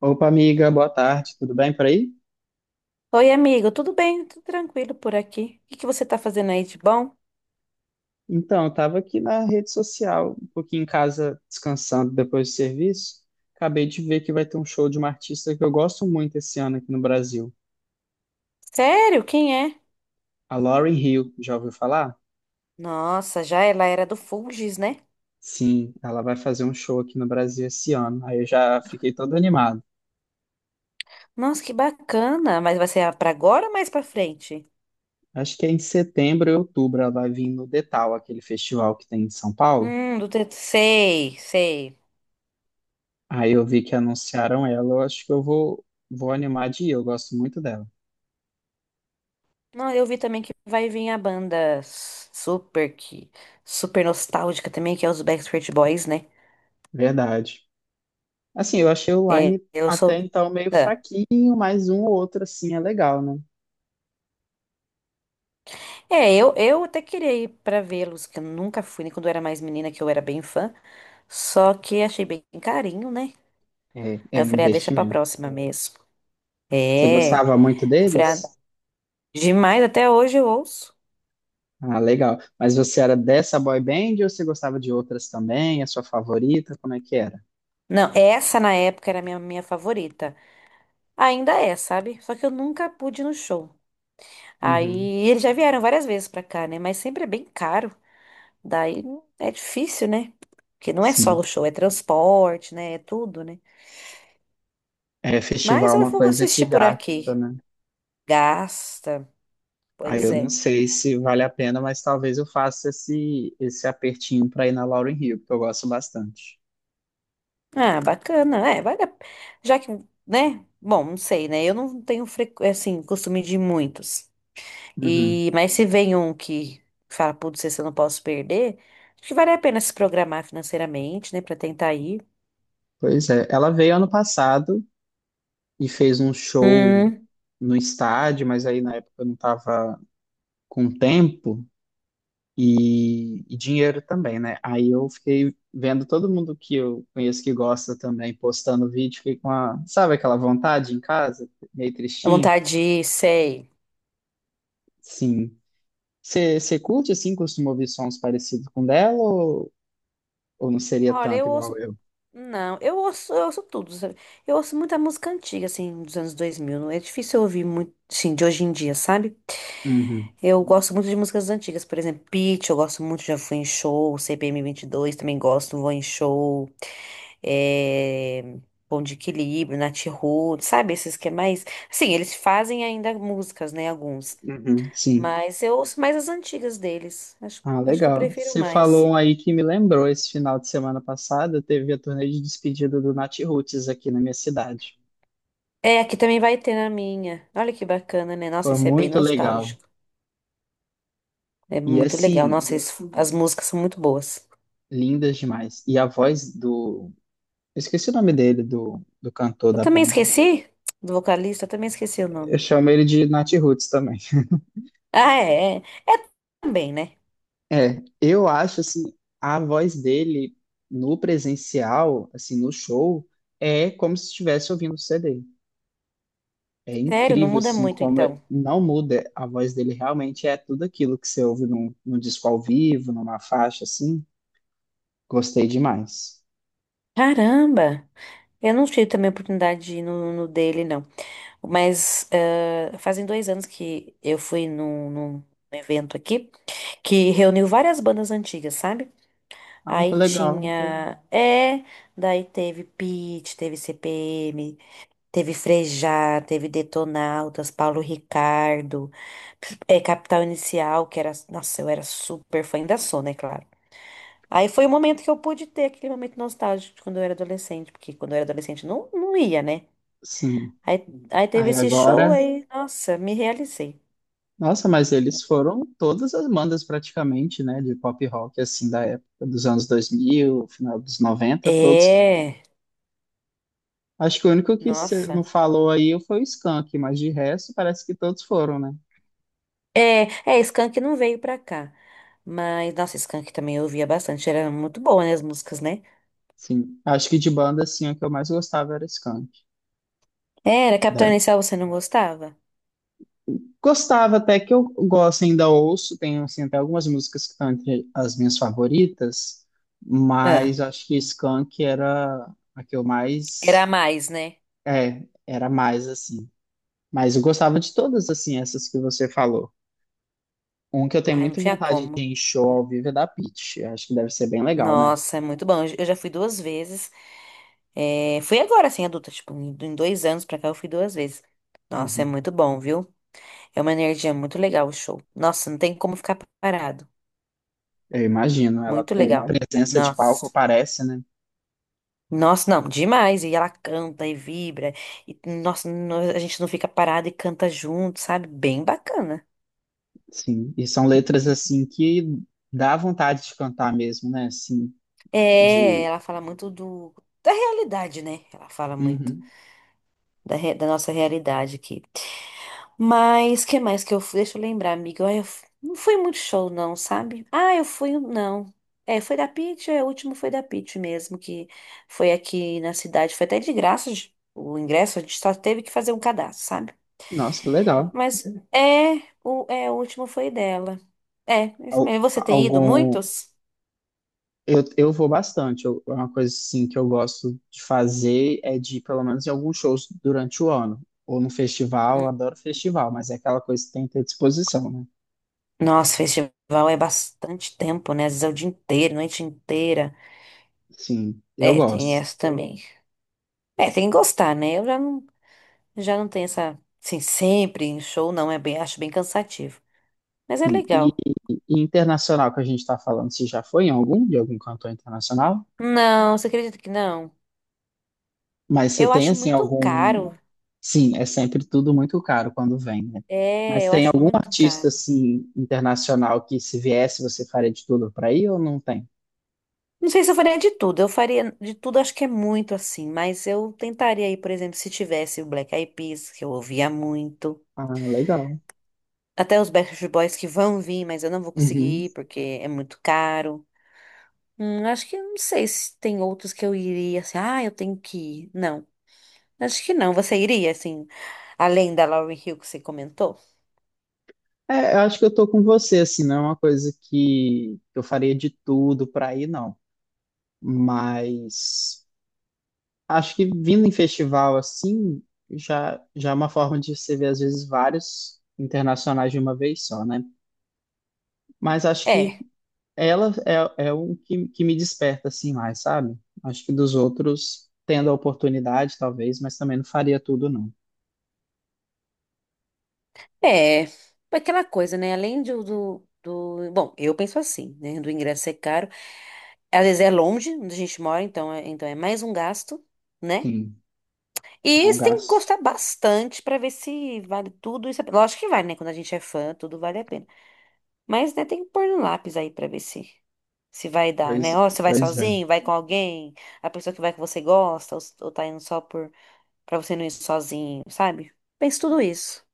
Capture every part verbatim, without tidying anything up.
Opa, amiga, boa tarde, tudo bem por aí? Oi, amigo, tudo bem? Tudo tranquilo por aqui. O que que você tá fazendo aí de bom? Então, eu estava aqui na rede social, um pouquinho em casa, descansando depois do serviço. Acabei de ver que vai ter um show de uma artista que eu gosto muito esse ano aqui no Brasil, Sério? Quem é? a Lauryn Hill. Já ouviu falar? Nossa, já ela era do Fulgis, né? Sim, ela vai fazer um show aqui no Brasil esse ano. Aí eu já fiquei todo animado. Nossa, que bacana. Mas vai ser pra agora ou mais pra frente? Acho que é em setembro ou outubro ela vai vir no Detal, aquele festival que tem em São Paulo. Hum, do T, sei, sei. Aí eu vi que anunciaram ela, eu acho que eu vou, vou animar de ir, eu gosto muito dela. Não, eu vi também que vai vir a banda s- super que super nostálgica também, que é os Backstreet Boys, né? Verdade. Assim, eu achei o É, Line eu até sou então meio ah. fraquinho, mas um ou outro assim é legal, né? É, eu, eu até queria ir pra vê-los, que eu nunca fui, nem quando eu era mais menina, que eu era bem fã. Só que achei bem carinho, né? É, é Aí eu um falei, ah, deixa pra investimento. próxima mesmo. Você É, gostava muito eu falei, ah, deles? demais, até hoje eu ouço. Ah, legal. Mas você era dessa boy band ou você gostava de outras também? A sua favorita? Como é que era? Não, essa na época era a minha, minha favorita. Ainda é, sabe? Só que eu nunca pude ir no show. Uhum, Aí eles já vieram várias vezes pra cá, né? Mas sempre é bem caro. Daí é difícil, né? Porque não é só o sim. show, é transporte, né? É tudo, né? É, festival Mas é eu uma vou coisa que assistir por gasta, aqui. né? Gasta. Aí Pois eu não é. sei se vale a pena, mas talvez eu faça esse, esse apertinho para ir na Lauryn Hill, porque eu gosto bastante. Ah, bacana. É, vale a... Já que, né? Bom, não sei, né? Eu não tenho, frequ... assim, costume de ir muitos. Uhum. E... mas se vem um que fala, putz, esse eu não posso perder, acho que vale a pena se programar financeiramente, né? Pra tentar ir. Pois é, ela veio ano passado e fez um show Hum, no estádio, mas aí na época eu não estava com tempo e, e dinheiro também, né? Aí eu fiquei vendo todo mundo que eu conheço que gosta também postando vídeo, fiquei com a, sabe aquela vontade em casa, meio a tristinho? vontade de ir, sei. Sim. Você curte assim, costuma ouvir sons parecidos com dela ou, ou não seria Olha, tanto eu igual ouço... eu? Não, eu ouço, eu ouço tudo, sabe? Eu ouço muita música antiga, assim, dos anos dois mil. Não é difícil eu ouvir muito, sim, de hoje em dia, sabe? Uhum, Eu gosto muito de músicas antigas, por exemplo, Pitty, eu gosto muito, já fui em show, C P M dois, também gosto, vou em show, é... Bom de Equilíbrio, Nat Roots, sabe, esses que é mais... Sim, eles fazem ainda músicas, né, alguns, uhum, sim. mas eu ouço mais as antigas deles, acho, Ah, acho que eu legal. prefiro Você falou mais. um aí que me lembrou, esse final de semana passada teve a turnê de despedida do Nat Roots aqui na minha cidade. É, aqui também vai ter na minha, olha que bacana, né, nossa, Foi isso é bem muito legal. nostálgico, é E muito legal, assim, nossa, isso- as músicas são muito boas. lindas demais. E a voz do. Eu esqueci o nome dele, do, do cantor Eu da também banda. esqueci do vocalista, eu também esqueci o Eu nome. chamo ele de Nat Roots também. Ah, é. É também, né? É, eu acho assim, a voz dele no presencial, assim, no show, é como se estivesse ouvindo o C D. É Sério, não incrível, muda assim, muito como então. não muda a voz dele realmente, é tudo aquilo que você ouve num, num disco ao vivo, numa faixa, assim. Gostei demais. Caramba! Eu não tive também a oportunidade de ir no, no dele, não. Mas eh, fazem dois anos que eu fui num, num evento aqui que reuniu várias bandas antigas, sabe? Ah, que Aí legal. tinha. É, daí teve Pitty, teve C P M, teve Frejá, teve Detonautas, Paulo Ricardo, é, Capital Inicial, que era. Nossa, eu era super fã, ainda sou, né, claro. Aí foi o momento que eu pude ter aquele momento nostálgico de quando eu era adolescente, porque quando eu era adolescente não, não ia, né? Sim. Aí, aí teve Aí esse show agora. aí, nossa, me realizei. Nossa, mas eles foram todas as bandas praticamente, né, de pop rock, assim, da época dos anos dois mil, final dos noventa. Todos. É, Acho que o único que você não nossa. falou aí foi o Skank, mas de resto parece que todos foram, né? É, é, Skank não veio pra cá. Mas, nossa, Skank também eu ouvia bastante. Era muito boa, né, as músicas, né? Sim, acho que de banda, assim, a que eu mais gostava era Skank. Era, Capital Né? Inicial você não gostava? Gostava até que eu gosto, ainda ouço, tenho, assim, até algumas músicas que estão entre as minhas favoritas, Ah, mas acho que Skank era a que eu era a mais, mais, né? é, era mais, assim, mas eu gostava de todas, assim, essas que você falou. Um que eu tenho Ai, não muita tinha vontade de como. ir em show ao vivo é da Pitty. Eu acho que deve ser bem legal, né? Nossa, é muito bom. Eu já fui duas vezes. É, fui agora, assim, adulta, tipo, em em dois anos pra cá eu fui duas vezes. Nossa, é Uhum. muito bom, viu? É uma energia muito legal o show. Nossa, não tem como ficar parado. Eu imagino. Ela Muito tem uma legal. presença de palco, Nossa. parece, né? Nossa, não, demais. E ela canta e vibra. E, nossa, nó- a gente não fica parado e canta junto, sabe? Bem bacana. Sim. E são letras, assim, que dá vontade de cantar mesmo, né? Assim, É, de... ela fala muito do, da realidade, né? Ela fala muito Uhum. da, re- da nossa realidade aqui. Mas que mais que eu fui? Deixa eu lembrar, amiga. Ai, eu f- não foi muito show, não, sabe? Ah, eu fui um, não. É, foi da Pitty, é, o último foi da Pitty mesmo, que foi aqui na cidade. Foi até de graça de- o ingresso, a gente só teve que fazer um cadastro, sabe? Nossa, que legal. Mas é, o, é, o último foi dela. É, é isso Al- mesmo. Você tem ido algum, muitos? Eu, eu vou bastante. Eu, é uma coisa assim que eu gosto de fazer é de ir, pelo menos, em alguns shows durante o ano. Ou no festival, eu Hum. adoro festival, mas é aquela coisa que tem que ter disposição, né? Nossa, festival é bastante tempo, né? Às vezes é o dia inteiro, noite inteira. Sim, eu É, tem gosto. essa também. É, tem que gostar, né? Eu já não. Já não tem essa. Sim, sempre em show não, é bem, acho bem cansativo. Mas é E, legal. e- e internacional que a gente está falando, se já foi em algum, de algum cantor internacional? Não, você acredita que não? Mas você Eu tem, acho assim, muito algum. caro. Sim, é sempre tudo muito caro quando vem, né? É, Mas eu tem acho algum muito artista, caro. assim, internacional que se viesse você faria de tudo para ir ou não tem? Não sei se eu faria de tudo. Eu faria de tudo, acho que é muito assim. Mas eu tentaria aí, por exemplo, se tivesse o Black Eyed Peas, que eu ouvia muito. Ah, legal. Até os Backstreet Boys que vão vir, mas eu não vou Uhum. conseguir ir porque é muito caro. Hum, acho que não sei se tem outros que eu iria assim. Ah, eu tenho que ir. Não. Acho que não. Você iria, assim, além da Lauryn Hill que você comentou? É, eu acho que eu tô com você, assim, não é uma coisa que eu faria de tudo pra ir, não. Mas acho que vindo em festival assim, já, já é uma forma de você ver, às vezes, vários internacionais de uma vez só, né? Mas acho que É, ela é, é um que, que me desperta, assim, mais, sabe? Acho que dos outros, tendo a oportunidade, talvez, mas também não faria tudo, não. é. Aquela coisa, né? Além do, do, do- bom, eu penso assim, né? Do ingresso ser caro. Às vezes é longe onde a gente mora, então é, então é mais um gasto, né? Sim, é E um você tem que gasto. gostar bastante pra ver se vale tudo isso. A pena. Lógico que vale, né? Quando a gente é fã, tudo vale a pena. Mas, né, tem que pôr no lápis aí pra ver se. Se vai dar, né? Pois, Ó, você vai pois é. sozinho, vai com alguém, a pessoa que vai que você gosta, ou, s- ou tá indo só por. Pra você não ir sozinho, sabe? Pense tudo isso.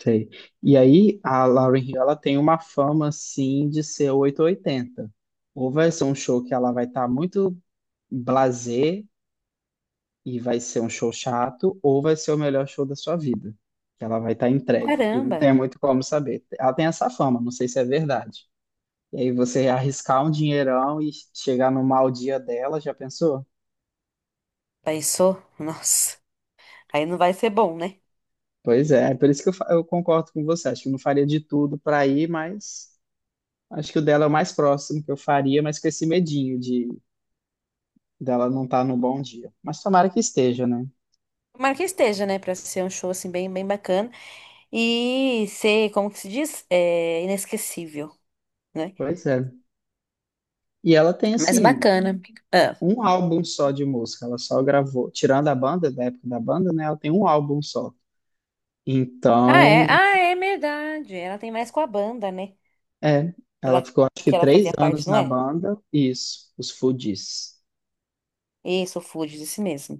Sei. E aí, a Lauryn Hill, ela tem uma fama, assim, de ser oito ou oitenta. Ou vai ser um show que ela vai estar muito blasé e vai ser um show chato, ou vai ser o melhor show da sua vida, que ela vai estar entregue. E não Caramba, tem muito como saber. Ela tem essa fama, não sei se é verdade. E aí você arriscar um dinheirão e chegar no mau dia dela, já pensou? pensou? Nossa, aí não vai ser bom, né? Pois é, é por isso que eu, fa- eu concordo com você. Acho que eu não faria de tudo para ir, mas... Acho que o dela é o mais próximo que eu faria, mas com esse medinho dela não tá no bom dia. Mas tomara que esteja, né? Tomara que esteja, né? Pra ser um show assim bem, bem bacana e ser, como que se diz? É, inesquecível, né? Pois é. E ela tem, Mas assim, bacana. Ah. um álbum só de música. Ela só gravou, tirando a banda, da época da banda, né? Ela tem um álbum só. Ah, é? Então, Ah, é verdade. Ela tem mais com a banda, né? é. Que ela, Ela ficou, acho que, que ela três fazia parte, anos não na é? banda. Isso, os Fugees. Isso, o Fuji, disse mesmo.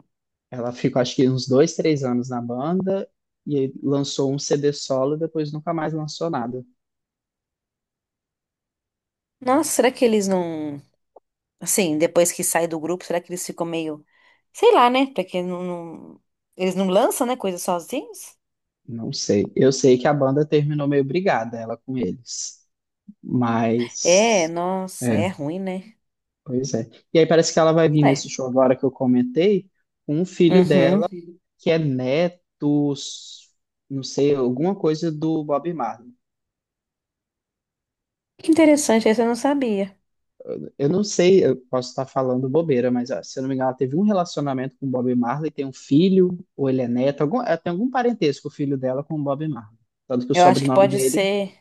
Ela ficou, acho que, uns dois, três anos na banda. E aí lançou um C D solo depois nunca mais lançou nada. Nossa, será que eles não. Assim, depois que sai do grupo, será que eles ficam meio. Sei lá, né? Porque não, não- eles não lançam, né? Coisa sozinhos? Não sei. Eu sei que a banda terminou meio brigada, ela com eles. É, Mas. nossa, É, é ruim, né? pois é. E aí parece que ela vai vir nesse É. show agora que eu comentei, com um filho Uhum. dela que é neto, s- não sei, alguma coisa do Bob Marley. Que interessante, esse eu não sabia. Eu não sei, eu posso estar falando bobeira, mas ó, se eu não me engano, ela teve um relacionamento com o Bob Marley, tem um filho, ou ele é neto, algum, ela tem algum parentesco o filho dela com o Bob Marley. Tanto que o Eu acho que sobrenome pode dele ser.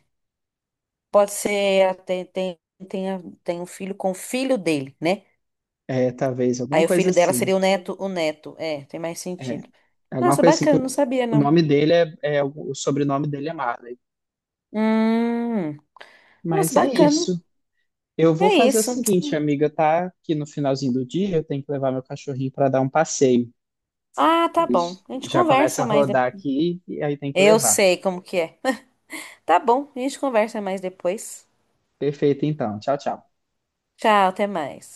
Pode ser. Ela Tem, tem, tem, a- tem um filho com o filho dele, né? é talvez alguma Aí o coisa filho dela assim. seria o neto, o neto. É, tem mais É, sentido. alguma Nossa, coisa assim, que bacana, não o sabia, o não. nome dele é, é o sobrenome dele é Marley. Hum, nossa, Mas é bacana. isso. Eu vou É fazer o isso. seguinte, amiga, tá? Que no finalzinho do dia eu tenho que levar meu cachorrinho para dar um passeio. Ah, tá Ele bom. A gente já começa conversa a mais rodar depois. aqui e aí tem que Eu levar. sei como que é. Tá bom, a gente conversa mais depois. Perfeito, então. Tchau, tchau. Tchau, até mais.